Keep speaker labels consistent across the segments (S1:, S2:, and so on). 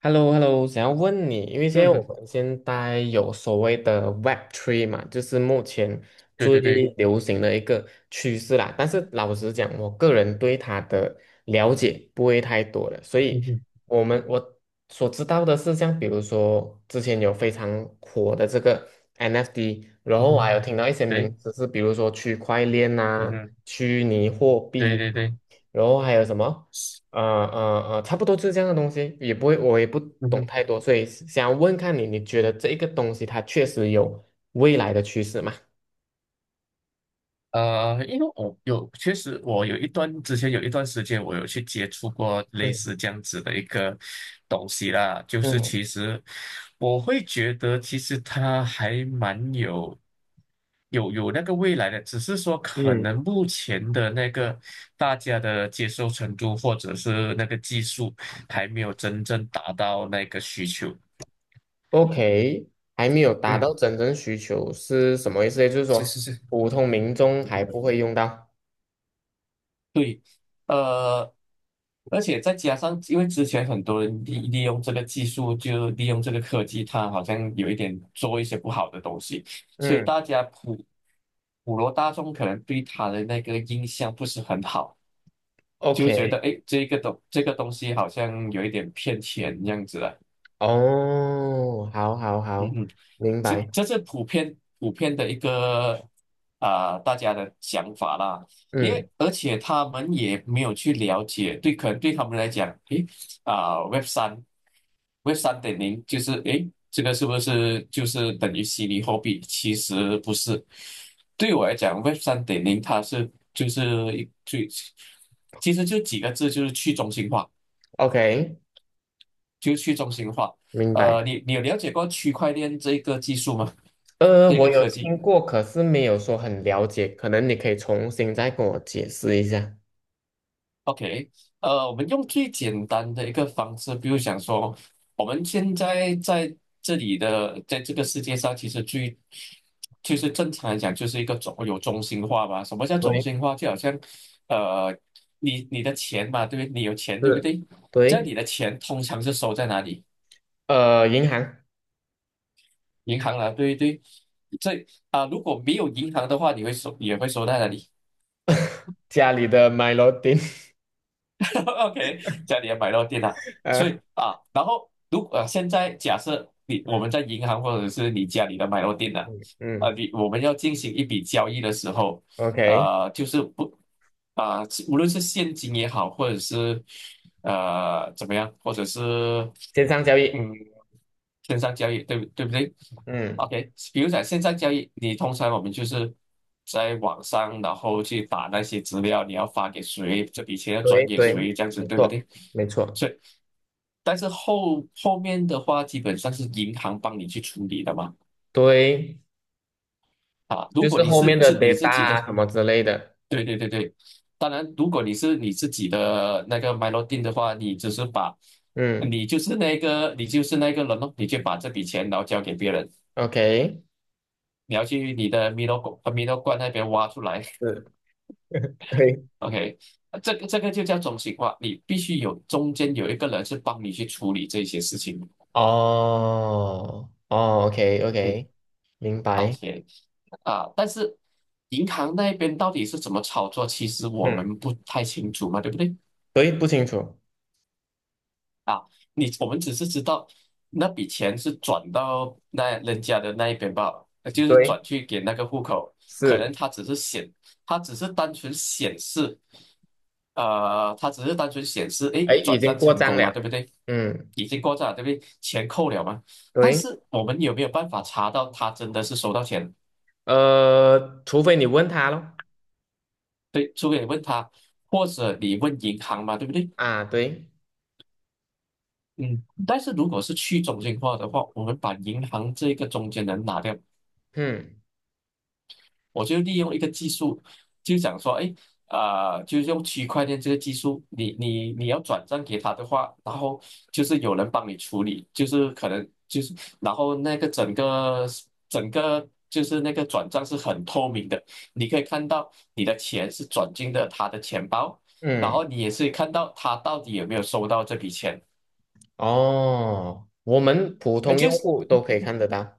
S1: h e l l o h e l l o 想要问你，因为现在
S2: 嗯
S1: 我
S2: 哼，
S1: 们现在有所谓的 Web 3嘛，就是目前
S2: 对
S1: 最
S2: 对对，
S1: 流行的一个趋势啦。但是老实讲，我个人对它的了解不会太多了，所
S2: 嗯
S1: 以
S2: 哼，
S1: 我所知道的是，像比如说之前有非常火的这个 NFT，然
S2: 嗯
S1: 后我
S2: 哼，
S1: 还有听到一些
S2: 对，
S1: 名词是，比如说区块链
S2: 嗯
S1: 啊、
S2: 哼，
S1: 虚拟货
S2: 对
S1: 币
S2: 对
S1: 啊
S2: 对，
S1: 然后还有什么？差不多就是这样的东西，也不会，我也不
S2: 嗯
S1: 懂
S2: 哼，
S1: 太多，所以想要问看你，你觉得这一个东西它确实有未来的趋势吗？
S2: 因为确实我有之前有一段时间，我有去接触过类
S1: 嗯
S2: 似这样子的一个东西啦。就是
S1: 嗯
S2: 其实我会觉得，其实它还蛮有那个未来的，只是说可
S1: 嗯
S2: 能目前的那个大家的接受程度或者是那个技术还没有真正达到那个需求。
S1: ，OK，还没有达到
S2: 嗯。
S1: 真正需求是什么意思？也就是
S2: 是
S1: 说
S2: 是是。
S1: 普通民众还不会用到。
S2: 对。呃，而且再加上，因为之前很多人利用这个技术，就利用这个科技，它好像有一点做一些不好的东西，所以
S1: 嗯
S2: 大家普罗大众可能对它的那个印象不是很好，就觉得
S1: ，OK，
S2: 哎，诶这个东西好像有一点骗钱这样子的。
S1: 哦，好好
S2: 嗯
S1: 好，
S2: 哼。
S1: 明
S2: 就
S1: 白。
S2: 这是普遍的一个大家的想法啦。因为
S1: 嗯
S2: 而且他们也没有去了解。对。可能对他们来讲，诶啊、w e b 三 Web 三点零就是诶，这个是不是就是等于虚拟货币？其实不是。对我来讲，Web 三点零就是一最，其实就几个字，就是去中心化，
S1: ，OK，
S2: 就是去中心化。
S1: 明白。
S2: 你有了解过区块链这个技术吗？
S1: 呃，
S2: 这
S1: 我
S2: 个
S1: 有
S2: 科技？
S1: 听过，可是没有说很了解，可能你可以重新再跟我解释一下。
S2: OK。我们用最简单的一个方式，比如想说，我们现在在这里的，在这个世界上，其实就是正常来讲，就是一个有中心化吧。什么叫中
S1: 对，
S2: 心化？就好像，呃，你的钱嘛，对不对？你有钱，对不
S1: 是，
S2: 对？这样
S1: 对，
S2: 你的钱通常是收在哪里？
S1: 银行。
S2: 银行啦，对不对？如果没有银行的话，你会收在哪里？
S1: 家里的 Mylodin。
S2: OK。家里也买到电脑。所
S1: 呃，
S2: 以啊，然后现在假设你我
S1: 嗯
S2: 们在银行或者是你家里的买到电脑。
S1: 嗯
S2: 啊，呃
S1: 嗯
S2: 你我们要进行一笔交易的时候，
S1: ，OK，
S2: 呃，就是不啊、呃无论是现金也好，或者是怎么样，或者是
S1: 线上交易。
S2: 嗯线上交易，对不对？
S1: 嗯，
S2: OK，比如讲现在交易，通常我们就是在网上，然后去打那些资料，你要发给谁，这笔钱要转
S1: 对
S2: 给
S1: 对，
S2: 谁，这样子
S1: 没
S2: 对不
S1: 错
S2: 对？
S1: 没错，
S2: 所以，但是后面的话，基本上是银行帮你去处理的嘛。
S1: 对，
S2: 啊，如
S1: 就
S2: 果
S1: 是
S2: 你
S1: 后
S2: 是
S1: 面
S2: 自
S1: 的
S2: 你
S1: data
S2: 自己的。
S1: 啊什么之类的。
S2: 对对对对。当然，如果你是你自己的那个 melody 的话，
S1: 嗯
S2: 你就是那个人咯，你就把这笔钱然后交给别人，
S1: ，OK，
S2: 你要去你的米 i l o m i 罐那边挖出来。
S1: 是，对，
S2: OK。这个就叫中心化，你必须有中间有一个人是帮你去处理这些事情。
S1: 哦哦，OK
S2: 嗯，
S1: OK，明
S2: 而
S1: 白。
S2: 且啊，但是银行那边到底是怎么操作，其实我
S1: 嗯，
S2: 们不太清楚嘛，对不对？
S1: 对，不清楚。
S2: 啊，我们只是知道那笔钱是转到那人家的那一边罢了，就是转
S1: 对，
S2: 去给那个户口。可
S1: 是，
S2: 能他只是显，他只是单纯显示。哎，
S1: 哎，已
S2: 转
S1: 经
S2: 账
S1: 过
S2: 成
S1: 账
S2: 功嘛，
S1: 了。
S2: 对不对？
S1: 嗯，
S2: 已经过账了，对不对？钱扣了嘛。但
S1: 对。
S2: 是我们有没有办法查到他真的是收到钱？
S1: 除非你问他咯。
S2: 对，除非你问他，或者你问银行嘛，对不对？
S1: 啊，对，
S2: 嗯，但是如果是去中心化的话，我们把银行这个中间人拿掉，
S1: 嗯
S2: 我就利用一个技术，就想说，哎，就用区块链这个技术，你要转账给他的话，然后就是有人帮你处理，就是可能就是，然后那个整个就是那个转账是很透明的，你可以看到你的钱是转进的他的钱包，然
S1: 嗯，
S2: 后你也是看到他到底有没有收到这笔钱。
S1: 哦，我们普
S2: 那
S1: 通
S2: 就
S1: 用
S2: 是。
S1: 户都可以看得到。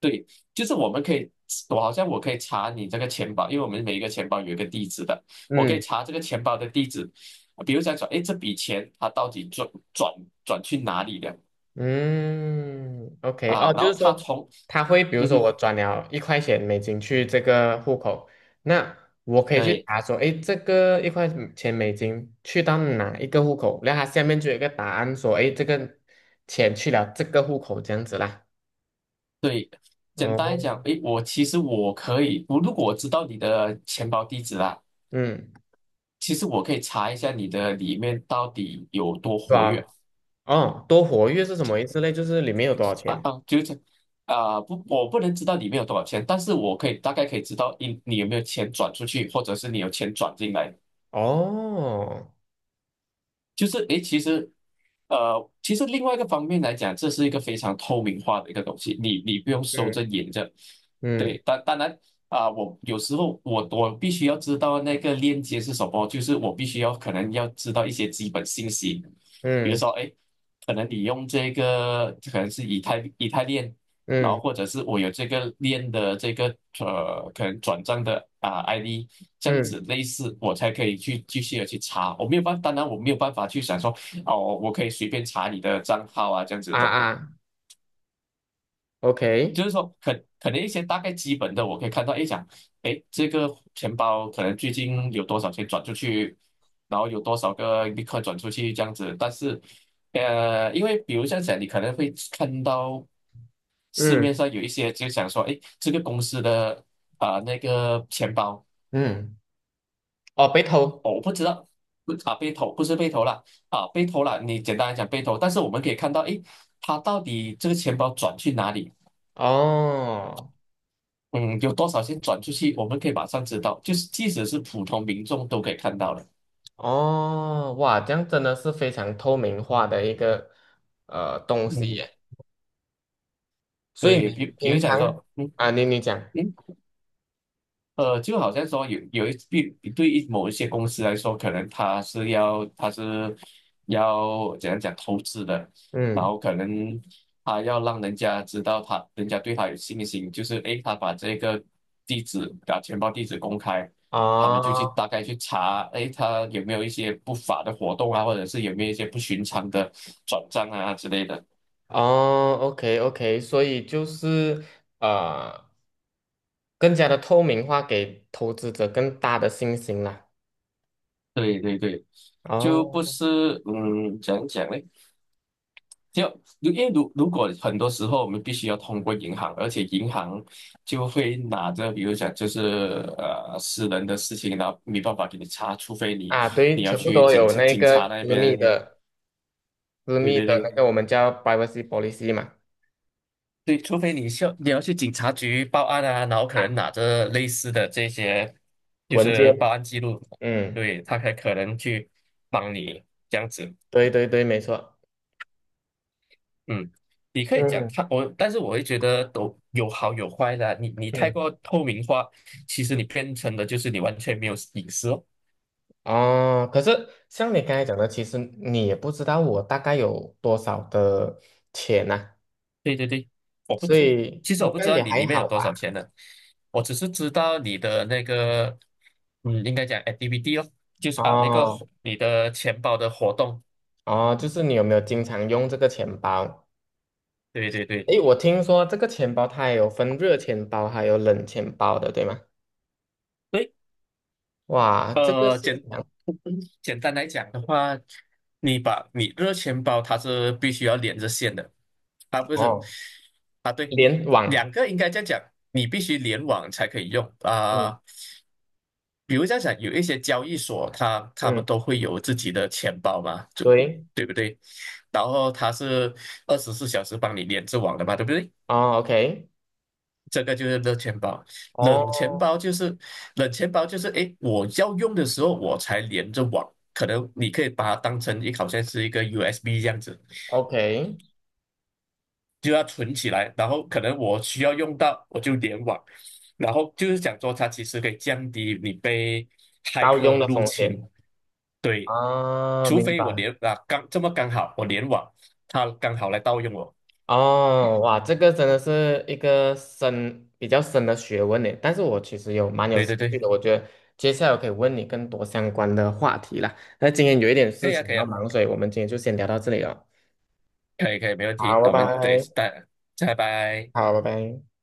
S2: 对，就是我们可以，我好像可以查你这个钱包，因为我们每一个钱包有一个地址的，我可以
S1: 嗯
S2: 查这个钱包的地址，比如想说，哎，这笔钱它到底转去哪里了
S1: 嗯，OK。哦，
S2: 啊？
S1: 就
S2: 然
S1: 是
S2: 后它
S1: 说
S2: 从，
S1: 他会，比如
S2: 嗯
S1: 说
S2: 哼。
S1: 我转了一块钱美金去这个户口，那我可以去
S2: 对
S1: 查说，诶，这个一块钱美金去到哪一个户口，然后它下面就有一个答案说，诶，这个钱去了这个户口这样子啦。
S2: 对。简单
S1: 哦，
S2: 讲，哎，我其实我可以，如果我知道你的钱包地址啦，
S1: 嗯，
S2: 其实我可以查一下你的里面到底有多
S1: 是
S2: 活跃。
S1: 吧？哦，多活跃是什么意思嘞？就是里面有多少
S2: 啊。
S1: 钱？
S2: 不，我不能知道里面有多少钱，但是我大概可以知道你有没有钱转出去，或者是你有钱转进来。
S1: 哦，
S2: 就是诶，其实另外一个方面来讲，这是一个非常透明化的一个东西，你不用收着
S1: 嗯
S2: 掖着。
S1: 嗯
S2: 对，当然啊，我有时候我必须要知道那个链接是什么，就是我必须要可能要知道一些基本信息，比如
S1: 嗯
S2: 说诶。可能你用这个可能是以太链。然后
S1: 嗯
S2: 或者是我有这个链的可能转账的ID，这样
S1: 嗯
S2: 子类似，我才可以去继续的去查。我没有办法当然我没有办法去想说，哦，我可以随便查你的账号啊，这样子
S1: 啊
S2: 的。
S1: 啊，OK，
S2: 就是说，可能一些大概基本的，我可以看到，哎，哎，这个钱包可能最近有多少钱转出去，然后有多少个立刻转出去这样子。但是，因为比如像讲，你可能会看到。市面
S1: 嗯
S2: 上有一些就想说，哎，这个公司的那个钱包。
S1: 嗯，哦，被偷。
S2: 哦我不知道，不被偷不是被偷了被偷了，你简单来讲被偷，但是我们可以看到，哎，他到底这个钱包转去哪里？
S1: 哦
S2: 嗯，有多少钱转出去，我们可以马上知道，就是即使是普通民众都可以看到的。
S1: 哦，哇，这样真的是非常透明化的一个东西
S2: 嗯，
S1: 耶。所以
S2: 对，比
S1: 你
S2: 比
S1: 平
S2: 如讲
S1: 常
S2: 说，
S1: 啊，你讲。
S2: 嗯，就好像说有有一对对于某一些公司来说，可能他是要怎样讲投资的，然
S1: 嗯，
S2: 后可能他要让人家知道他人家对他有信心，就是诶，他把这个地址把钱包地址公开，他们就去
S1: 哦
S2: 大概去查，诶，他有没有一些不法的活动啊，或者是有没有一些不寻常的转账啊之类的。
S1: 哦，OK OK，所以就是呃。更加的透明化，给投资者更大的信心啦。
S2: 对对对。就不
S1: 哦，
S2: 是怎样讲呢？就因为如果很多时候我们必须要通过银行，而且银行就会拿着，比如讲就是私人的事情，然后没办法给你查，除非你
S1: 啊，对，
S2: 你要
S1: 全部
S2: 去
S1: 都
S2: 警
S1: 有
S2: 察
S1: 那
S2: 警察
S1: 个
S2: 那
S1: 私密
S2: 边。
S1: 的、私
S2: 对
S1: 密
S2: 对
S1: 的那
S2: 对
S1: 个我们叫 privacy policy 嘛，
S2: 对。除非你要去警察局报案啊，然后可能拿着类似的这些就
S1: 文
S2: 是报
S1: 件。
S2: 案记录。
S1: 嗯，
S2: 对。他才可能去帮你这样子。
S1: 对对对，没错。
S2: 嗯。你可以讲
S1: 嗯
S2: 他我，但是我会觉得都有好有坏的啊你太
S1: 嗯。
S2: 过透明化，其实你变成的就是你完全没有隐私哦。
S1: 哦，可是像你刚才讲的，其实你也不知道我大概有多少的钱呐，
S2: 对对对。我不
S1: 所
S2: 知，
S1: 以
S2: 其实我
S1: 应
S2: 不
S1: 该
S2: 知道
S1: 也
S2: 你
S1: 还
S2: 里面
S1: 好
S2: 有多少
S1: 吧。
S2: 钱呢，我只是知道你的那个，应该讲 activity 哦，就是啊那个
S1: 哦
S2: 活你的钱包的活动。
S1: 哦，就是你有没有经常用这个钱包？
S2: 对对对。
S1: 诶，我听说这个钱包它也有分热钱包，还有冷钱包的，对吗？
S2: 对
S1: 哇，这个
S2: 呃，
S1: 是
S2: 简
S1: 讲
S2: 简单来讲的话，你把你热钱包它是必须要连着线的。啊不是，
S1: 哦，
S2: 啊对。
S1: 联网。
S2: 两个应该这样讲，你必须联网才可以用
S1: 嗯
S2: 啊。比如这样讲，有一些交易所他们
S1: 嗯，
S2: 都会有自己的钱包嘛，就
S1: 对，
S2: 对不对？然后它是24小时帮你连着网的嘛，对不对？
S1: 哦，OK，
S2: 这个就是热钱包。冷钱
S1: 哦
S2: 包就是冷钱包就是，诶，我要用的时候我才连着网，可能你可以把它当成好像是一个 USB 这样子，
S1: ，OK，
S2: 就要存起来，然后可能我需要用到我就联网，然后就是讲说它其实可以降低你被骇
S1: 盗用
S2: 客
S1: 的
S2: 入
S1: 风
S2: 侵。
S1: 险
S2: 对，
S1: 啊，
S2: 除
S1: 明
S2: 非我
S1: 白。
S2: 连刚这么刚好我联网，它刚好来盗用我。
S1: 哦，哇，这个真的是一个比较深的学问呢。但是我其实有蛮有
S2: 对
S1: 兴
S2: 对
S1: 趣
S2: 对。
S1: 的，我觉得接下来我可以问你更多相关的话题啦。那今天有一点
S2: 可
S1: 事
S2: 以啊
S1: 情
S2: 可以
S1: 要
S2: 啊
S1: 忙，所以我们今天就先聊到这里了。
S2: 可以可以没问
S1: 好，
S2: 题，
S1: 拜
S2: 那我们等一
S1: 拜。
S2: 下，拜拜。
S1: 好，拜拜。